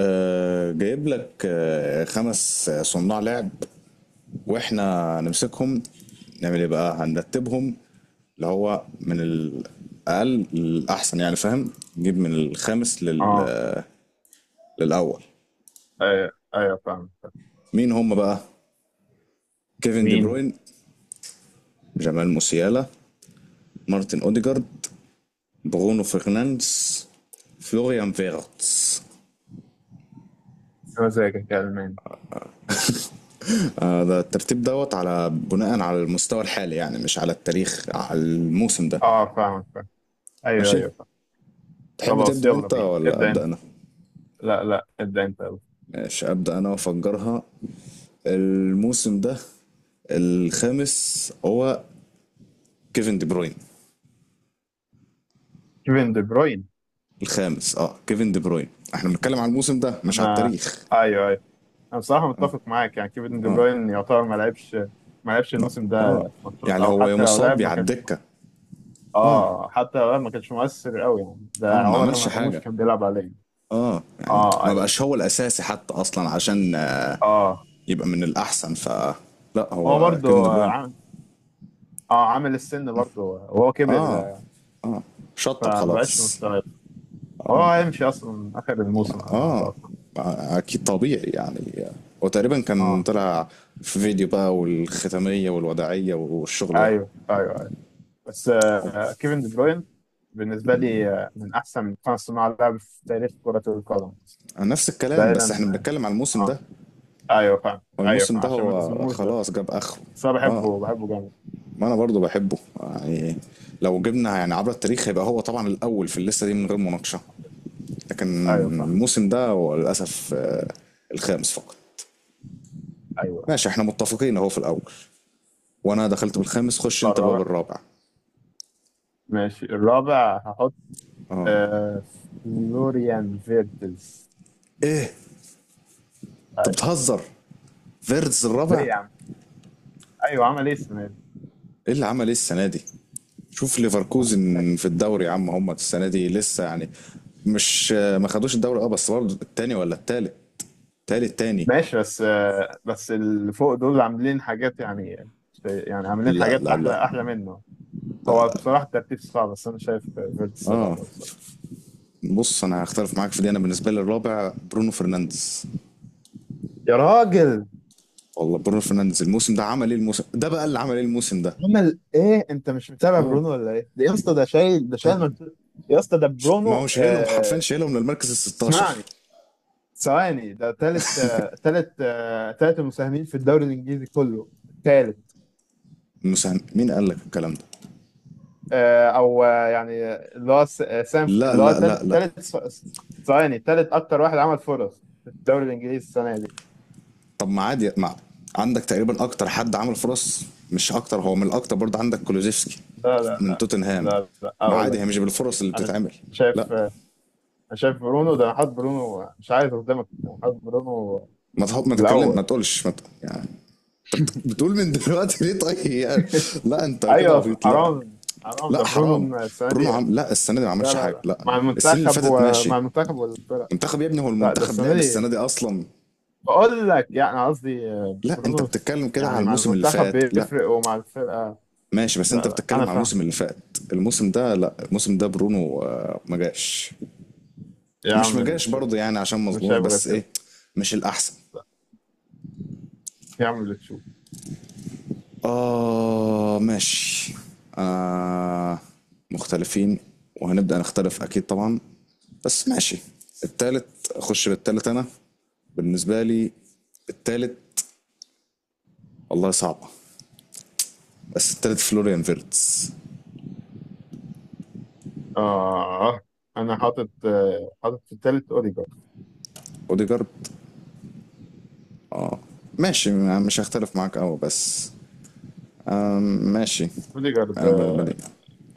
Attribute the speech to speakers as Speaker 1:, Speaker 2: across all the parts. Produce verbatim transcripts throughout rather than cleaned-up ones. Speaker 1: آه، جايب لك آه، خمس آه، صناع لعب. واحنا نمسكهم نعمل ايه بقى؟ هنرتبهم اللي هو من الاقل للاحسن يعني، فاهم؟ نجيب من الخامس لل...
Speaker 2: اه،
Speaker 1: آه، للاول.
Speaker 2: ايوه ايوه فاهم فاهم.
Speaker 1: مين هم بقى؟ كيفن دي
Speaker 2: مين؟
Speaker 1: بروين، جمال موسيالا، مارتن اوديجارد، برونو فرنانديز، فلوريان فيرتس.
Speaker 2: مزاجك يا الماني.
Speaker 1: آه، ده الترتيب دوت على بناء على المستوى الحالي، يعني مش على التاريخ، على الموسم ده.
Speaker 2: اه فاهم فاهم. ايوه
Speaker 1: ماشي،
Speaker 2: ايوه فاهم.
Speaker 1: تحب
Speaker 2: خلاص
Speaker 1: تبدأ
Speaker 2: يلا
Speaker 1: انت
Speaker 2: بينا،
Speaker 1: ولا
Speaker 2: ابدا
Speaker 1: أبدأ
Speaker 2: انت.
Speaker 1: انا؟
Speaker 2: لا لا، ابدا انت يلا.
Speaker 1: ماشي أبدأ انا وافجرها. الموسم ده الخامس هو كيفن دي بروين.
Speaker 2: كيفن دي بروين.
Speaker 1: الخامس اه كيفن دي بروين. احنا بنتكلم على الموسم ده مش على
Speaker 2: انا.
Speaker 1: التاريخ.
Speaker 2: ايوه ايوه. انا بصراحه متفق معاك، يعني كيفن دي بروين يعتبر ما لعبش. ما لعبش الموسم
Speaker 1: اه
Speaker 2: ده ماتشات،
Speaker 1: يعني
Speaker 2: او
Speaker 1: هو يا
Speaker 2: حتى لو
Speaker 1: مصاب
Speaker 2: لعب
Speaker 1: يا
Speaker 2: ما
Speaker 1: على
Speaker 2: كانش.
Speaker 1: الدكة. اه
Speaker 2: اه، حتى لو لعب ما كانش مؤثر قوي، يعني ده
Speaker 1: اه ما
Speaker 2: عمر
Speaker 1: عملش
Speaker 2: مرموش
Speaker 1: حاجة.
Speaker 2: كان بيلعب عليه.
Speaker 1: اه يعني
Speaker 2: اه
Speaker 1: ما
Speaker 2: ايوه.
Speaker 1: بقاش هو الأساسي حتى أصلا عشان آه،
Speaker 2: اه
Speaker 1: يبقى من الأحسن ف. لا
Speaker 2: هو
Speaker 1: هو
Speaker 2: برضه
Speaker 1: كيفن دي بروين
Speaker 2: عامل، اه عامل السن برضه وهو كبر.
Speaker 1: اه،
Speaker 2: آه،
Speaker 1: شطب
Speaker 2: فما بقاش
Speaker 1: خلاص.
Speaker 2: مستوى. هو هيمشي اصلا اخر الموسم على ما
Speaker 1: اه
Speaker 2: اتوقع.
Speaker 1: اكيد طبيعي يعني. وتقريبا كان
Speaker 2: اه
Speaker 1: طلع في فيديو بقى والختامية والوداعية والشغل ده.
Speaker 2: ايوه ايوه ايوه. بس
Speaker 1: أو-
Speaker 2: آه كيفن دي بروين بالنسبه لي آه من احسن خمس صناع لعب في تاريخ كره القدم.
Speaker 1: نفس الكلام بس احنا
Speaker 2: بعيدا
Speaker 1: بنتكلم على الموسم
Speaker 2: اه
Speaker 1: ده،
Speaker 2: ايوه فاهم، ايوه
Speaker 1: والموسم
Speaker 2: فاهم.
Speaker 1: ده
Speaker 2: عشان ما
Speaker 1: هو
Speaker 2: نظلمهوش بس.
Speaker 1: خلاص جاب اخره.
Speaker 2: بس انا
Speaker 1: اه
Speaker 2: بحبه، بحبه جامد.
Speaker 1: ما انا برضو بحبه يعني. لو جبنا يعني عبر التاريخ هيبقى هو طبعا الاول في الليسته دي من غير مناقشه، لكن
Speaker 2: ايوه فاهم.
Speaker 1: الموسم ده هو للاسف آه، الخامس فقط.
Speaker 2: ايوه
Speaker 1: ماشي احنا متفقين اهو في الاول. وانا دخلت بالخامس، خش
Speaker 2: الشهر
Speaker 1: انت بقى
Speaker 2: الرابع.
Speaker 1: بالرابع.
Speaker 2: ماشي الرابع هحط آه فلوريان فيرتز.
Speaker 1: ايه؟ انت
Speaker 2: ايوه.
Speaker 1: بتهزر؟ فيرتز
Speaker 2: ليه
Speaker 1: الرابع؟
Speaker 2: يا عم؟ ايوه عمل ايه السنه دي؟
Speaker 1: ايه اللي عمل ايه السنه دي؟ شوف ليفركوزن في الدوري يا عم. هم السنه دي لسه يعني، مش ما خدوش الدوري اه، بس برضه التاني ولا التالت، تالت تاني.
Speaker 2: ماشي، بس آه، بس اللي فوق دول عاملين حاجات، يعني يعني عاملين
Speaker 1: لا
Speaker 2: حاجات
Speaker 1: لا لا
Speaker 2: احلى احلى منه.
Speaker 1: لا
Speaker 2: هو
Speaker 1: لا.
Speaker 2: بصراحه الترتيب صعب، بس انا شايف فيرتس
Speaker 1: اه
Speaker 2: الرابع بصراحه.
Speaker 1: بص، انا هختلف معاك في دي. انا بالنسبه لي الرابع برونو فرنانديز.
Speaker 2: يا راجل،
Speaker 1: والله برونو فرنانديز الموسم ده عمل ايه؟ الموسم ده بقى اللي عمل ايه الموسم ده؟
Speaker 2: عمل ايه؟ انت مش متابع
Speaker 1: اه
Speaker 2: برونو ولا ايه؟ ده يا اسطى ده شايل، ده شايل
Speaker 1: تابع.
Speaker 2: مجد- يا اسطى ده
Speaker 1: ما هو
Speaker 2: برونو.
Speaker 1: شايلهم حرفيا،
Speaker 2: آه
Speaker 1: شايلهم للمركز ال ستاشر.
Speaker 2: اسمعني، ثواني، ده تالت آه تالت آه تالت المساهمين في الدوري الانجليزي كله. تالت
Speaker 1: المساهم مين قال لك الكلام ده؟
Speaker 2: آه، او آه، يعني اللي هو س- آه، سام،
Speaker 1: لا
Speaker 2: اللي هو
Speaker 1: لا لا
Speaker 2: تل-
Speaker 1: لا.
Speaker 2: تالت س- ثواني، تالت اكتر واحد عمل فرص في الدوري الانجليزي السنه دي.
Speaker 1: طب ما عادي، ما عندك تقريبا اكتر حد عمل فرص. مش اكتر هو من الاكتر، برضه عندك كولوزيفسكي
Speaker 2: لا لا
Speaker 1: من
Speaker 2: لا
Speaker 1: توتنهام.
Speaker 2: لا. لا،
Speaker 1: ما
Speaker 2: اقول
Speaker 1: عادي،
Speaker 2: لك.
Speaker 1: هي مش بالفرص اللي
Speaker 2: انا
Speaker 1: بتتعمل. لا،
Speaker 2: شايف آه، انا شايف برونو ده انا حاطط برونو، مش عايز قدامك، انا حاطط برونو
Speaker 1: ما تحط ما تتكلم
Speaker 2: الاول.
Speaker 1: ما تقولش ما ت... يعني. انت بت- بتقول من دلوقتي ليه طيب يعني؟ لا، انت كده
Speaker 2: ايوه
Speaker 1: عبيط لا.
Speaker 2: حرام، حرام ده
Speaker 1: لا حرام.
Speaker 2: برونو السنه دي،
Speaker 1: برونو
Speaker 2: لا.
Speaker 1: عم لا السنه دي ما
Speaker 2: لا
Speaker 1: عملش حاجه.
Speaker 2: لا،
Speaker 1: لا
Speaker 2: مع
Speaker 1: السنين اللي
Speaker 2: المنتخب،
Speaker 1: فاتت ماشي.
Speaker 2: ومع المنتخب والفرق.
Speaker 1: منتخب يا ابني، هو
Speaker 2: لا ده
Speaker 1: المنتخب
Speaker 2: السنه
Speaker 1: لعب
Speaker 2: دي،
Speaker 1: السنه دي اصلا؟
Speaker 2: بقول لك، يعني قصدي آه،
Speaker 1: لا انت
Speaker 2: برونو،
Speaker 1: بتتكلم كده
Speaker 2: يعني
Speaker 1: على
Speaker 2: مع
Speaker 1: الموسم اللي
Speaker 2: المنتخب
Speaker 1: فات. لا
Speaker 2: بيفرق ومع الفرقه.
Speaker 1: ماشي بس انت
Speaker 2: لا لا، انا
Speaker 1: بتتكلم على
Speaker 2: فاهم.
Speaker 1: الموسم اللي فات. الموسم ده لا، الموسم ده برونو آه، ما جاش.
Speaker 2: يا
Speaker 1: مش
Speaker 2: عم،
Speaker 1: ما
Speaker 2: اللي
Speaker 1: جاش
Speaker 2: تشوف.
Speaker 1: برضه يعني عشان
Speaker 2: مش
Speaker 1: مظلوموش
Speaker 2: شايف غير
Speaker 1: بس
Speaker 2: كده.
Speaker 1: ايه، مش الاحسن.
Speaker 2: لا، يا عم اللي تشوف.
Speaker 1: اه ماشي آه مختلفين. وهنبدأ نختلف اكيد طبعا، بس ماشي. التالت اخش بالتالت انا. بالنسبة لي التالت والله صعبة، بس التالت فلوريان فيرتس.
Speaker 2: آه أنا حاطط، آه، حاطط في التالت أوديجارد.
Speaker 1: اوديجارد ماشي، م- مش هختلف معاك قوي بس م- ماشي.
Speaker 2: أوديجارد ده
Speaker 1: انا بالنسبة لي،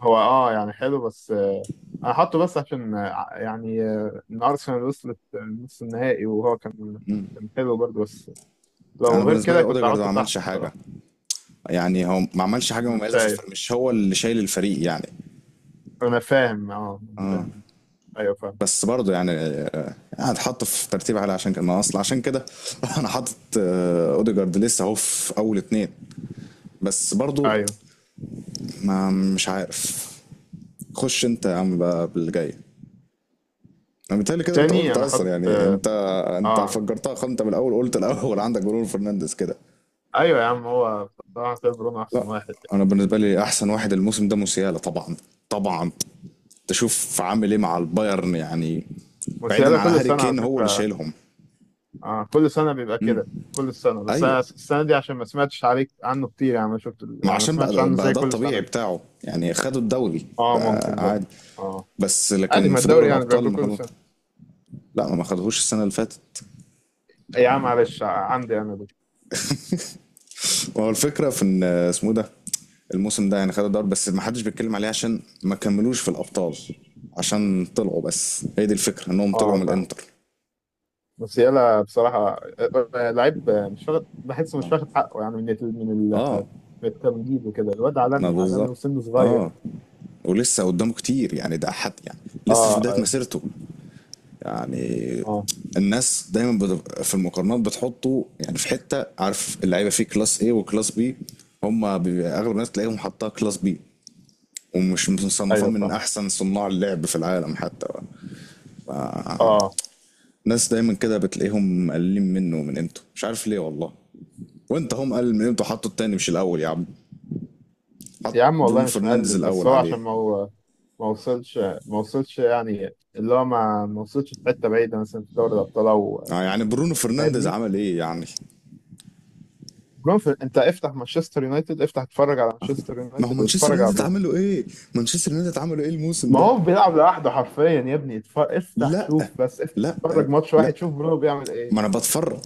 Speaker 2: هو آه يعني حلو، بس آه أنا حاطه بس عشان آه، يعني آه، إن أرسنال وصلت آه، نص النهائي، وهو كان كان حلو برضه. بس
Speaker 1: انا
Speaker 2: لو غير
Speaker 1: بالنسبه لي
Speaker 2: كده كنت
Speaker 1: اوديجارد ما
Speaker 2: هحطه تحت
Speaker 1: عملش حاجه.
Speaker 2: بصراحة.
Speaker 1: يعني هو ما عملش حاجه
Speaker 2: أنا مش
Speaker 1: مميزه في
Speaker 2: شايف.
Speaker 1: الفريق، مش هو اللي شايل الفريق يعني.
Speaker 2: أنا فاهم آه فاهم. أيوه فاهم.
Speaker 1: بس برضه يعني آه، يعني اتحط في ترتيب عالي عشان كده، ما اصل عشان كده انا حاطط آه، اوديجارد لسه اهو في اول اتنين. بس برضه،
Speaker 2: أيوه
Speaker 1: ما مش عارف. خش انت يا عم بقى بالجاي. انا بالتالي كده انت
Speaker 2: تاني،
Speaker 1: قلت
Speaker 2: أنا
Speaker 1: اصلا
Speaker 2: حاطط
Speaker 1: يعني
Speaker 2: آه
Speaker 1: انت، انت
Speaker 2: آه،
Speaker 1: فجرتها خالص. انت من الاول قلت الاول عندك برونو فرنانديز كده.
Speaker 2: أيوه يا عم، هو بصراحة كده برونو
Speaker 1: لا،
Speaker 2: أحسن واحد.
Speaker 1: انا بالنسبه لي احسن واحد الموسم ده موسيالا طبعا، طبعا. تشوف عامل ايه مع البايرن يعني، بعيدا
Speaker 2: موسيالا
Speaker 1: عن
Speaker 2: كل
Speaker 1: هاري
Speaker 2: سنة على
Speaker 1: كين، هو اللي
Speaker 2: فكرة.
Speaker 1: شايلهم.
Speaker 2: اه كل سنة بيبقى كده كل السنة، بس
Speaker 1: ايوه،
Speaker 2: أنا السنة دي عشان ما سمعتش عليك عنه كتير، يعني ما شفت،
Speaker 1: ما
Speaker 2: يعني ما
Speaker 1: عشان بقى
Speaker 2: سمعتش
Speaker 1: ده-
Speaker 2: عنه
Speaker 1: بقى
Speaker 2: زي
Speaker 1: ده
Speaker 2: كل سنة
Speaker 1: الطبيعي
Speaker 2: يعني.
Speaker 1: بتاعه يعني، خدوا الدوري
Speaker 2: اه
Speaker 1: بقى
Speaker 2: ممكن برضه.
Speaker 1: عادي.
Speaker 2: اه
Speaker 1: بس
Speaker 2: عادي،
Speaker 1: لكن
Speaker 2: ما
Speaker 1: في دوري
Speaker 2: الدوري يعني
Speaker 1: الابطال
Speaker 2: بياخدوه
Speaker 1: ما
Speaker 2: كل
Speaker 1: خدوا.
Speaker 2: سنة.
Speaker 1: لا ما خدوهوش السنه اللي فاتت.
Speaker 2: إيه يا عم؟ معلش، عندي أنا دي.
Speaker 1: هو الفكره في ان اسمه إيه ده، الموسم ده يعني خدوا الدوري بس ما حدش بيتكلم عليه عشان ما كملوش في الابطال. عشان طلعوا بس، هي دي الفكره انهم طلعوا
Speaker 2: اه
Speaker 1: من
Speaker 2: فاهم.
Speaker 1: الانتر.
Speaker 2: بس يلا بصراحة، آه، آه، لعيب آه، مش واخد بحسه مش واخد حقه، يعني من ال- من
Speaker 1: اه،
Speaker 2: ال- من التمجيد وكده. الواد
Speaker 1: ما
Speaker 2: عالمي عالمي
Speaker 1: بالظبط.
Speaker 2: وسنه صغير.
Speaker 1: اه، ولسه قدامه كتير يعني، ده حد يعني لسه في
Speaker 2: اه
Speaker 1: بدايه
Speaker 2: اي.
Speaker 1: مسيرته يعني.
Speaker 2: اه
Speaker 1: الناس دايما بت- في المقارنات بتحطه يعني في حته، عارف اللعيبه فيه كلاس ايه وكلاس بي؟ هم بيبقى اغلب الناس تلاقيهم حاطها كلاس بي. ومش مصنفاه
Speaker 2: ايوه
Speaker 1: من
Speaker 2: فاهم.
Speaker 1: احسن صناع اللعب في العالم حتى.
Speaker 2: اه
Speaker 1: الناس دايما كده بتلاقيهم مقللين منه ومن قيمته، مش عارف ليه والله. وانت هم قلل من قيمته حطه التاني مش الاول يا عم. حط
Speaker 2: يا عم، والله
Speaker 1: برونو
Speaker 2: مش
Speaker 1: فرنانديز
Speaker 2: مقلل، بس
Speaker 1: الاول
Speaker 2: هو
Speaker 1: عليه؟
Speaker 2: عشان ما هو، ما وصلش، ما وصلش يعني، اللي هو ما ما وصلش في حته بعيده، مثلا في دوري الابطال او،
Speaker 1: آه يعني برونو فرنانديز
Speaker 2: فاهمني.
Speaker 1: عمل ايه يعني؟
Speaker 2: برونو في... انت افتح مانشستر يونايتد، افتح اتفرج على مانشستر
Speaker 1: ما هو
Speaker 2: يونايتد
Speaker 1: مانشستر
Speaker 2: واتفرج على
Speaker 1: يونايتد
Speaker 2: برونو.
Speaker 1: عملوا ايه؟ مانشستر يونايتد عملوا ايه الموسم
Speaker 2: ما
Speaker 1: ده؟
Speaker 2: هو بيلعب لوحده حرفيا يا ابني. اتف... افتح
Speaker 1: لا
Speaker 2: شوف، بس افتح
Speaker 1: لا يا
Speaker 2: اتفرج
Speaker 1: ابني،
Speaker 2: ماتش
Speaker 1: لا.
Speaker 2: واحد، شوف برونو بيعمل ايه.
Speaker 1: ما انا بتفرج.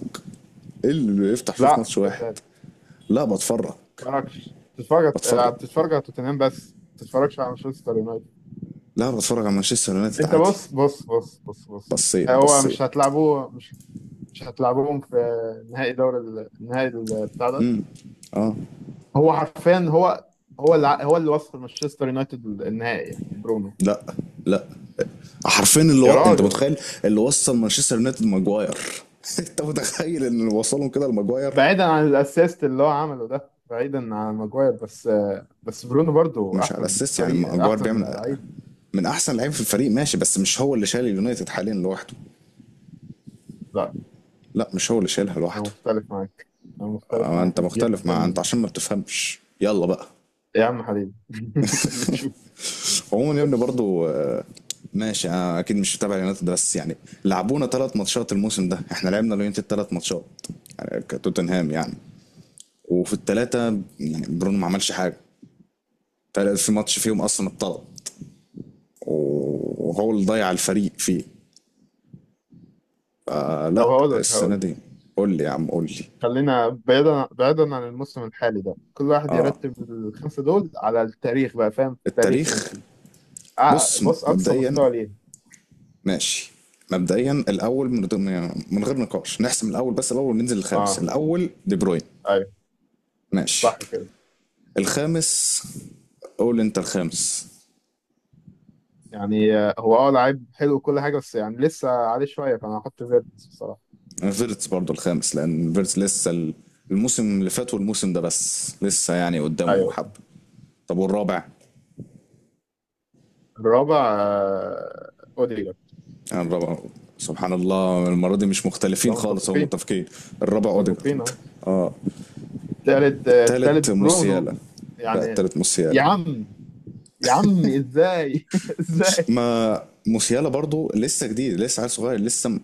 Speaker 1: ايه اللي يفتح شوف ماتش
Speaker 2: لا انت
Speaker 1: واحد؟
Speaker 2: ما
Speaker 1: لا بتفرج
Speaker 2: بتتفرجش، بتتفرج. لا،
Speaker 1: بتفرج
Speaker 2: بتتفرج على توتنهام بس، ما بتتفرجش على مانشستر يونايتد.
Speaker 1: لا، بتفرج على مانشستر يونايتد
Speaker 2: انت
Speaker 1: عادي.
Speaker 2: بص بص بص بص بص.
Speaker 1: بصيت
Speaker 2: هو
Speaker 1: بصيت.
Speaker 2: مش هتلعبوه مش مش هتلعبهم في نهائي دوري ال- النهائي ال- بتاع ده.
Speaker 1: اه.
Speaker 2: هو حرفيا، هو هو اللي هو اللي وصل مانشستر يونايتد النهائي يعني برونو.
Speaker 1: لا لا حرفيا، اللي
Speaker 2: يا
Speaker 1: و... انت
Speaker 2: راجل،
Speaker 1: متخيل اللي وصل مانشستر يونايتد ماجواير؟ انت متخيل ان اللي وصلهم كده لماجواير؟
Speaker 2: بعيدا عن الاسيست اللي هو عمله ده، بعيدا عن ماجواير، بس بس برونو برضو
Speaker 1: مش على
Speaker 2: احسن
Speaker 1: اساس يعني
Speaker 2: فريق،
Speaker 1: ماجواير
Speaker 2: احسن
Speaker 1: بيعمل.
Speaker 2: لعيب.
Speaker 1: من احسن لعيب في الفريق ماشي، بس مش هو اللي شايل اليونايتد حاليا لوحده.
Speaker 2: لا،
Speaker 1: لا مش هو اللي شايلها
Speaker 2: انا
Speaker 1: لوحده.
Speaker 2: مختلف معاك، انا مختلف
Speaker 1: آه،
Speaker 2: معاك
Speaker 1: انت مختلف مع انت
Speaker 2: جدا.
Speaker 1: عشان ما بتفهمش يلا بقى.
Speaker 2: يا عم حبيبي، اللي تشوف.
Speaker 1: عموما يا ابني برضو آه، ماشي انا اكيد مش متابع اليونايتد ده، بس يعني لعبونا ثلاث ماتشات الموسم ده. احنا لعبنا اليونايتد ثلاث ماتشات يعني، كتوتنهام يعني. وفي الثلاثه يعني برونو ما عملش حاجه. تل- في ماتش فيهم اصلا اتطرد، وهو اللي ضيع الفريق فيه.
Speaker 2: طب
Speaker 1: فلا
Speaker 2: هقول لك، هقول
Speaker 1: السنه
Speaker 2: لك.
Speaker 1: دي. قول لي يا عم قول لي.
Speaker 2: خلينا بعيدا، بعيدا عن الموسم الحالي ده، كل واحد يرتب الخمسة دول على التاريخ بقى، فاهم تاريخهم
Speaker 1: التاريخ.
Speaker 2: كله. ع-
Speaker 1: بص
Speaker 2: بص أقصى
Speaker 1: مبدئيا،
Speaker 2: مستوى ليه.
Speaker 1: ماشي. مبدئيا الاول من من غير نقاش نحسم الاول بس. الاول وننزل الخامس.
Speaker 2: اه
Speaker 1: الاول دي بروين.
Speaker 2: أيوه،
Speaker 1: ماشي.
Speaker 2: صح كده.
Speaker 1: الخامس، قول انت الخامس.
Speaker 2: يعني آه، هو اه لعيب حلو وكل حاجة، بس يعني لسه عليه شوية، فأنا هحط فيرتس بصراحة.
Speaker 1: فيرتس برضو الخامس لان فيرتس لسه ال- الموسم اللي فات والموسم ده بس لسه يعني قدامه
Speaker 2: أيوه
Speaker 1: حب. طب والرابع؟
Speaker 2: الرابع آه، أوديجارد.
Speaker 1: يعني الرابع، سبحان الله المرة دي مش مختلفين
Speaker 2: طبعا
Speaker 1: خالص هو
Speaker 2: متفقين.
Speaker 1: متفقين. الرابع
Speaker 2: متفقين
Speaker 1: اوديجارد.
Speaker 2: أهو. التالت آه، التالت
Speaker 1: التالت
Speaker 2: برونو،
Speaker 1: موسيالا. بقى
Speaker 2: يعني.
Speaker 1: التالت
Speaker 2: يا
Speaker 1: موسيالا.
Speaker 2: عم يا عم ازاي ازاي؟
Speaker 1: ما موسيالا برضو لسه جديد لسه عيل صغير لسه م-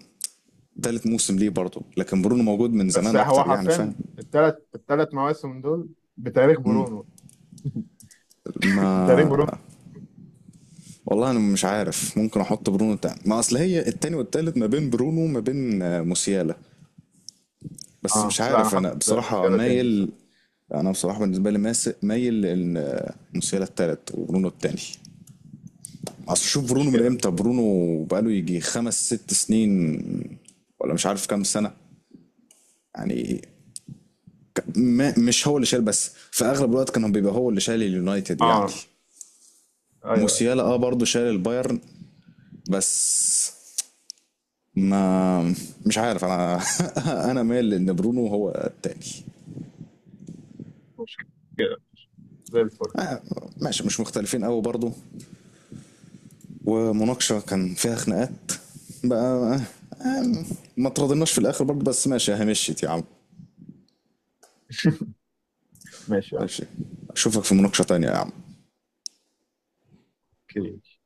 Speaker 1: تالت موسم ليه برضو، لكن برونو موجود من
Speaker 2: بس
Speaker 1: زمان
Speaker 2: هو
Speaker 1: اكتر يعني، فاهم؟
Speaker 2: حرفيا الثلاث الثلاث مواسم دول بتاريخ برونو.
Speaker 1: ما
Speaker 2: بتاريخ برونو.
Speaker 1: والله انا مش عارف ممكن احط برونو تاني. ما اصل هي التاني والتالت ما بين برونو ما بين آه، موسيالا، بس
Speaker 2: اه
Speaker 1: مش
Speaker 2: لا، انا
Speaker 1: عارف انا
Speaker 2: حاطط
Speaker 1: بصراحة
Speaker 2: موسيالا تاني
Speaker 1: مايل.
Speaker 2: الصراحه.
Speaker 1: انا بصراحة بالنسبة لي ماس- مايل لان آه، موسيالا التالت وبرونو التاني. اصل
Speaker 2: مش
Speaker 1: شوف برونو من
Speaker 2: مشكله،
Speaker 1: امتى،
Speaker 2: مش مشكله.
Speaker 1: برونو بقاله يجي خمس ست سنين، ولا مش عارف كام سنة يعني. ك- ما مش هو اللي شايل بس في اغلب الوقت كان هو بيبقى هو اللي شايل اليونايتد يعني.
Speaker 2: اه ايوه ايوه
Speaker 1: موسيالا اه
Speaker 2: فاهم.
Speaker 1: برضه شايل البايرن. بس ما مش عارف انا. انا مايل لان برونو هو التاني.
Speaker 2: مش مشكله، زي الفل.
Speaker 1: آه، ماشي مش مختلفين قوي برضو. ومناقشه كان فيها خناقات بقى آه، ما ترضيناش في الاخر برضو بس ماشي هي مشيت يا عم.
Speaker 2: ماشي يا عم.
Speaker 1: ماشي. اشوفك في مناقشه تانية يا عم.
Speaker 2: اوكي.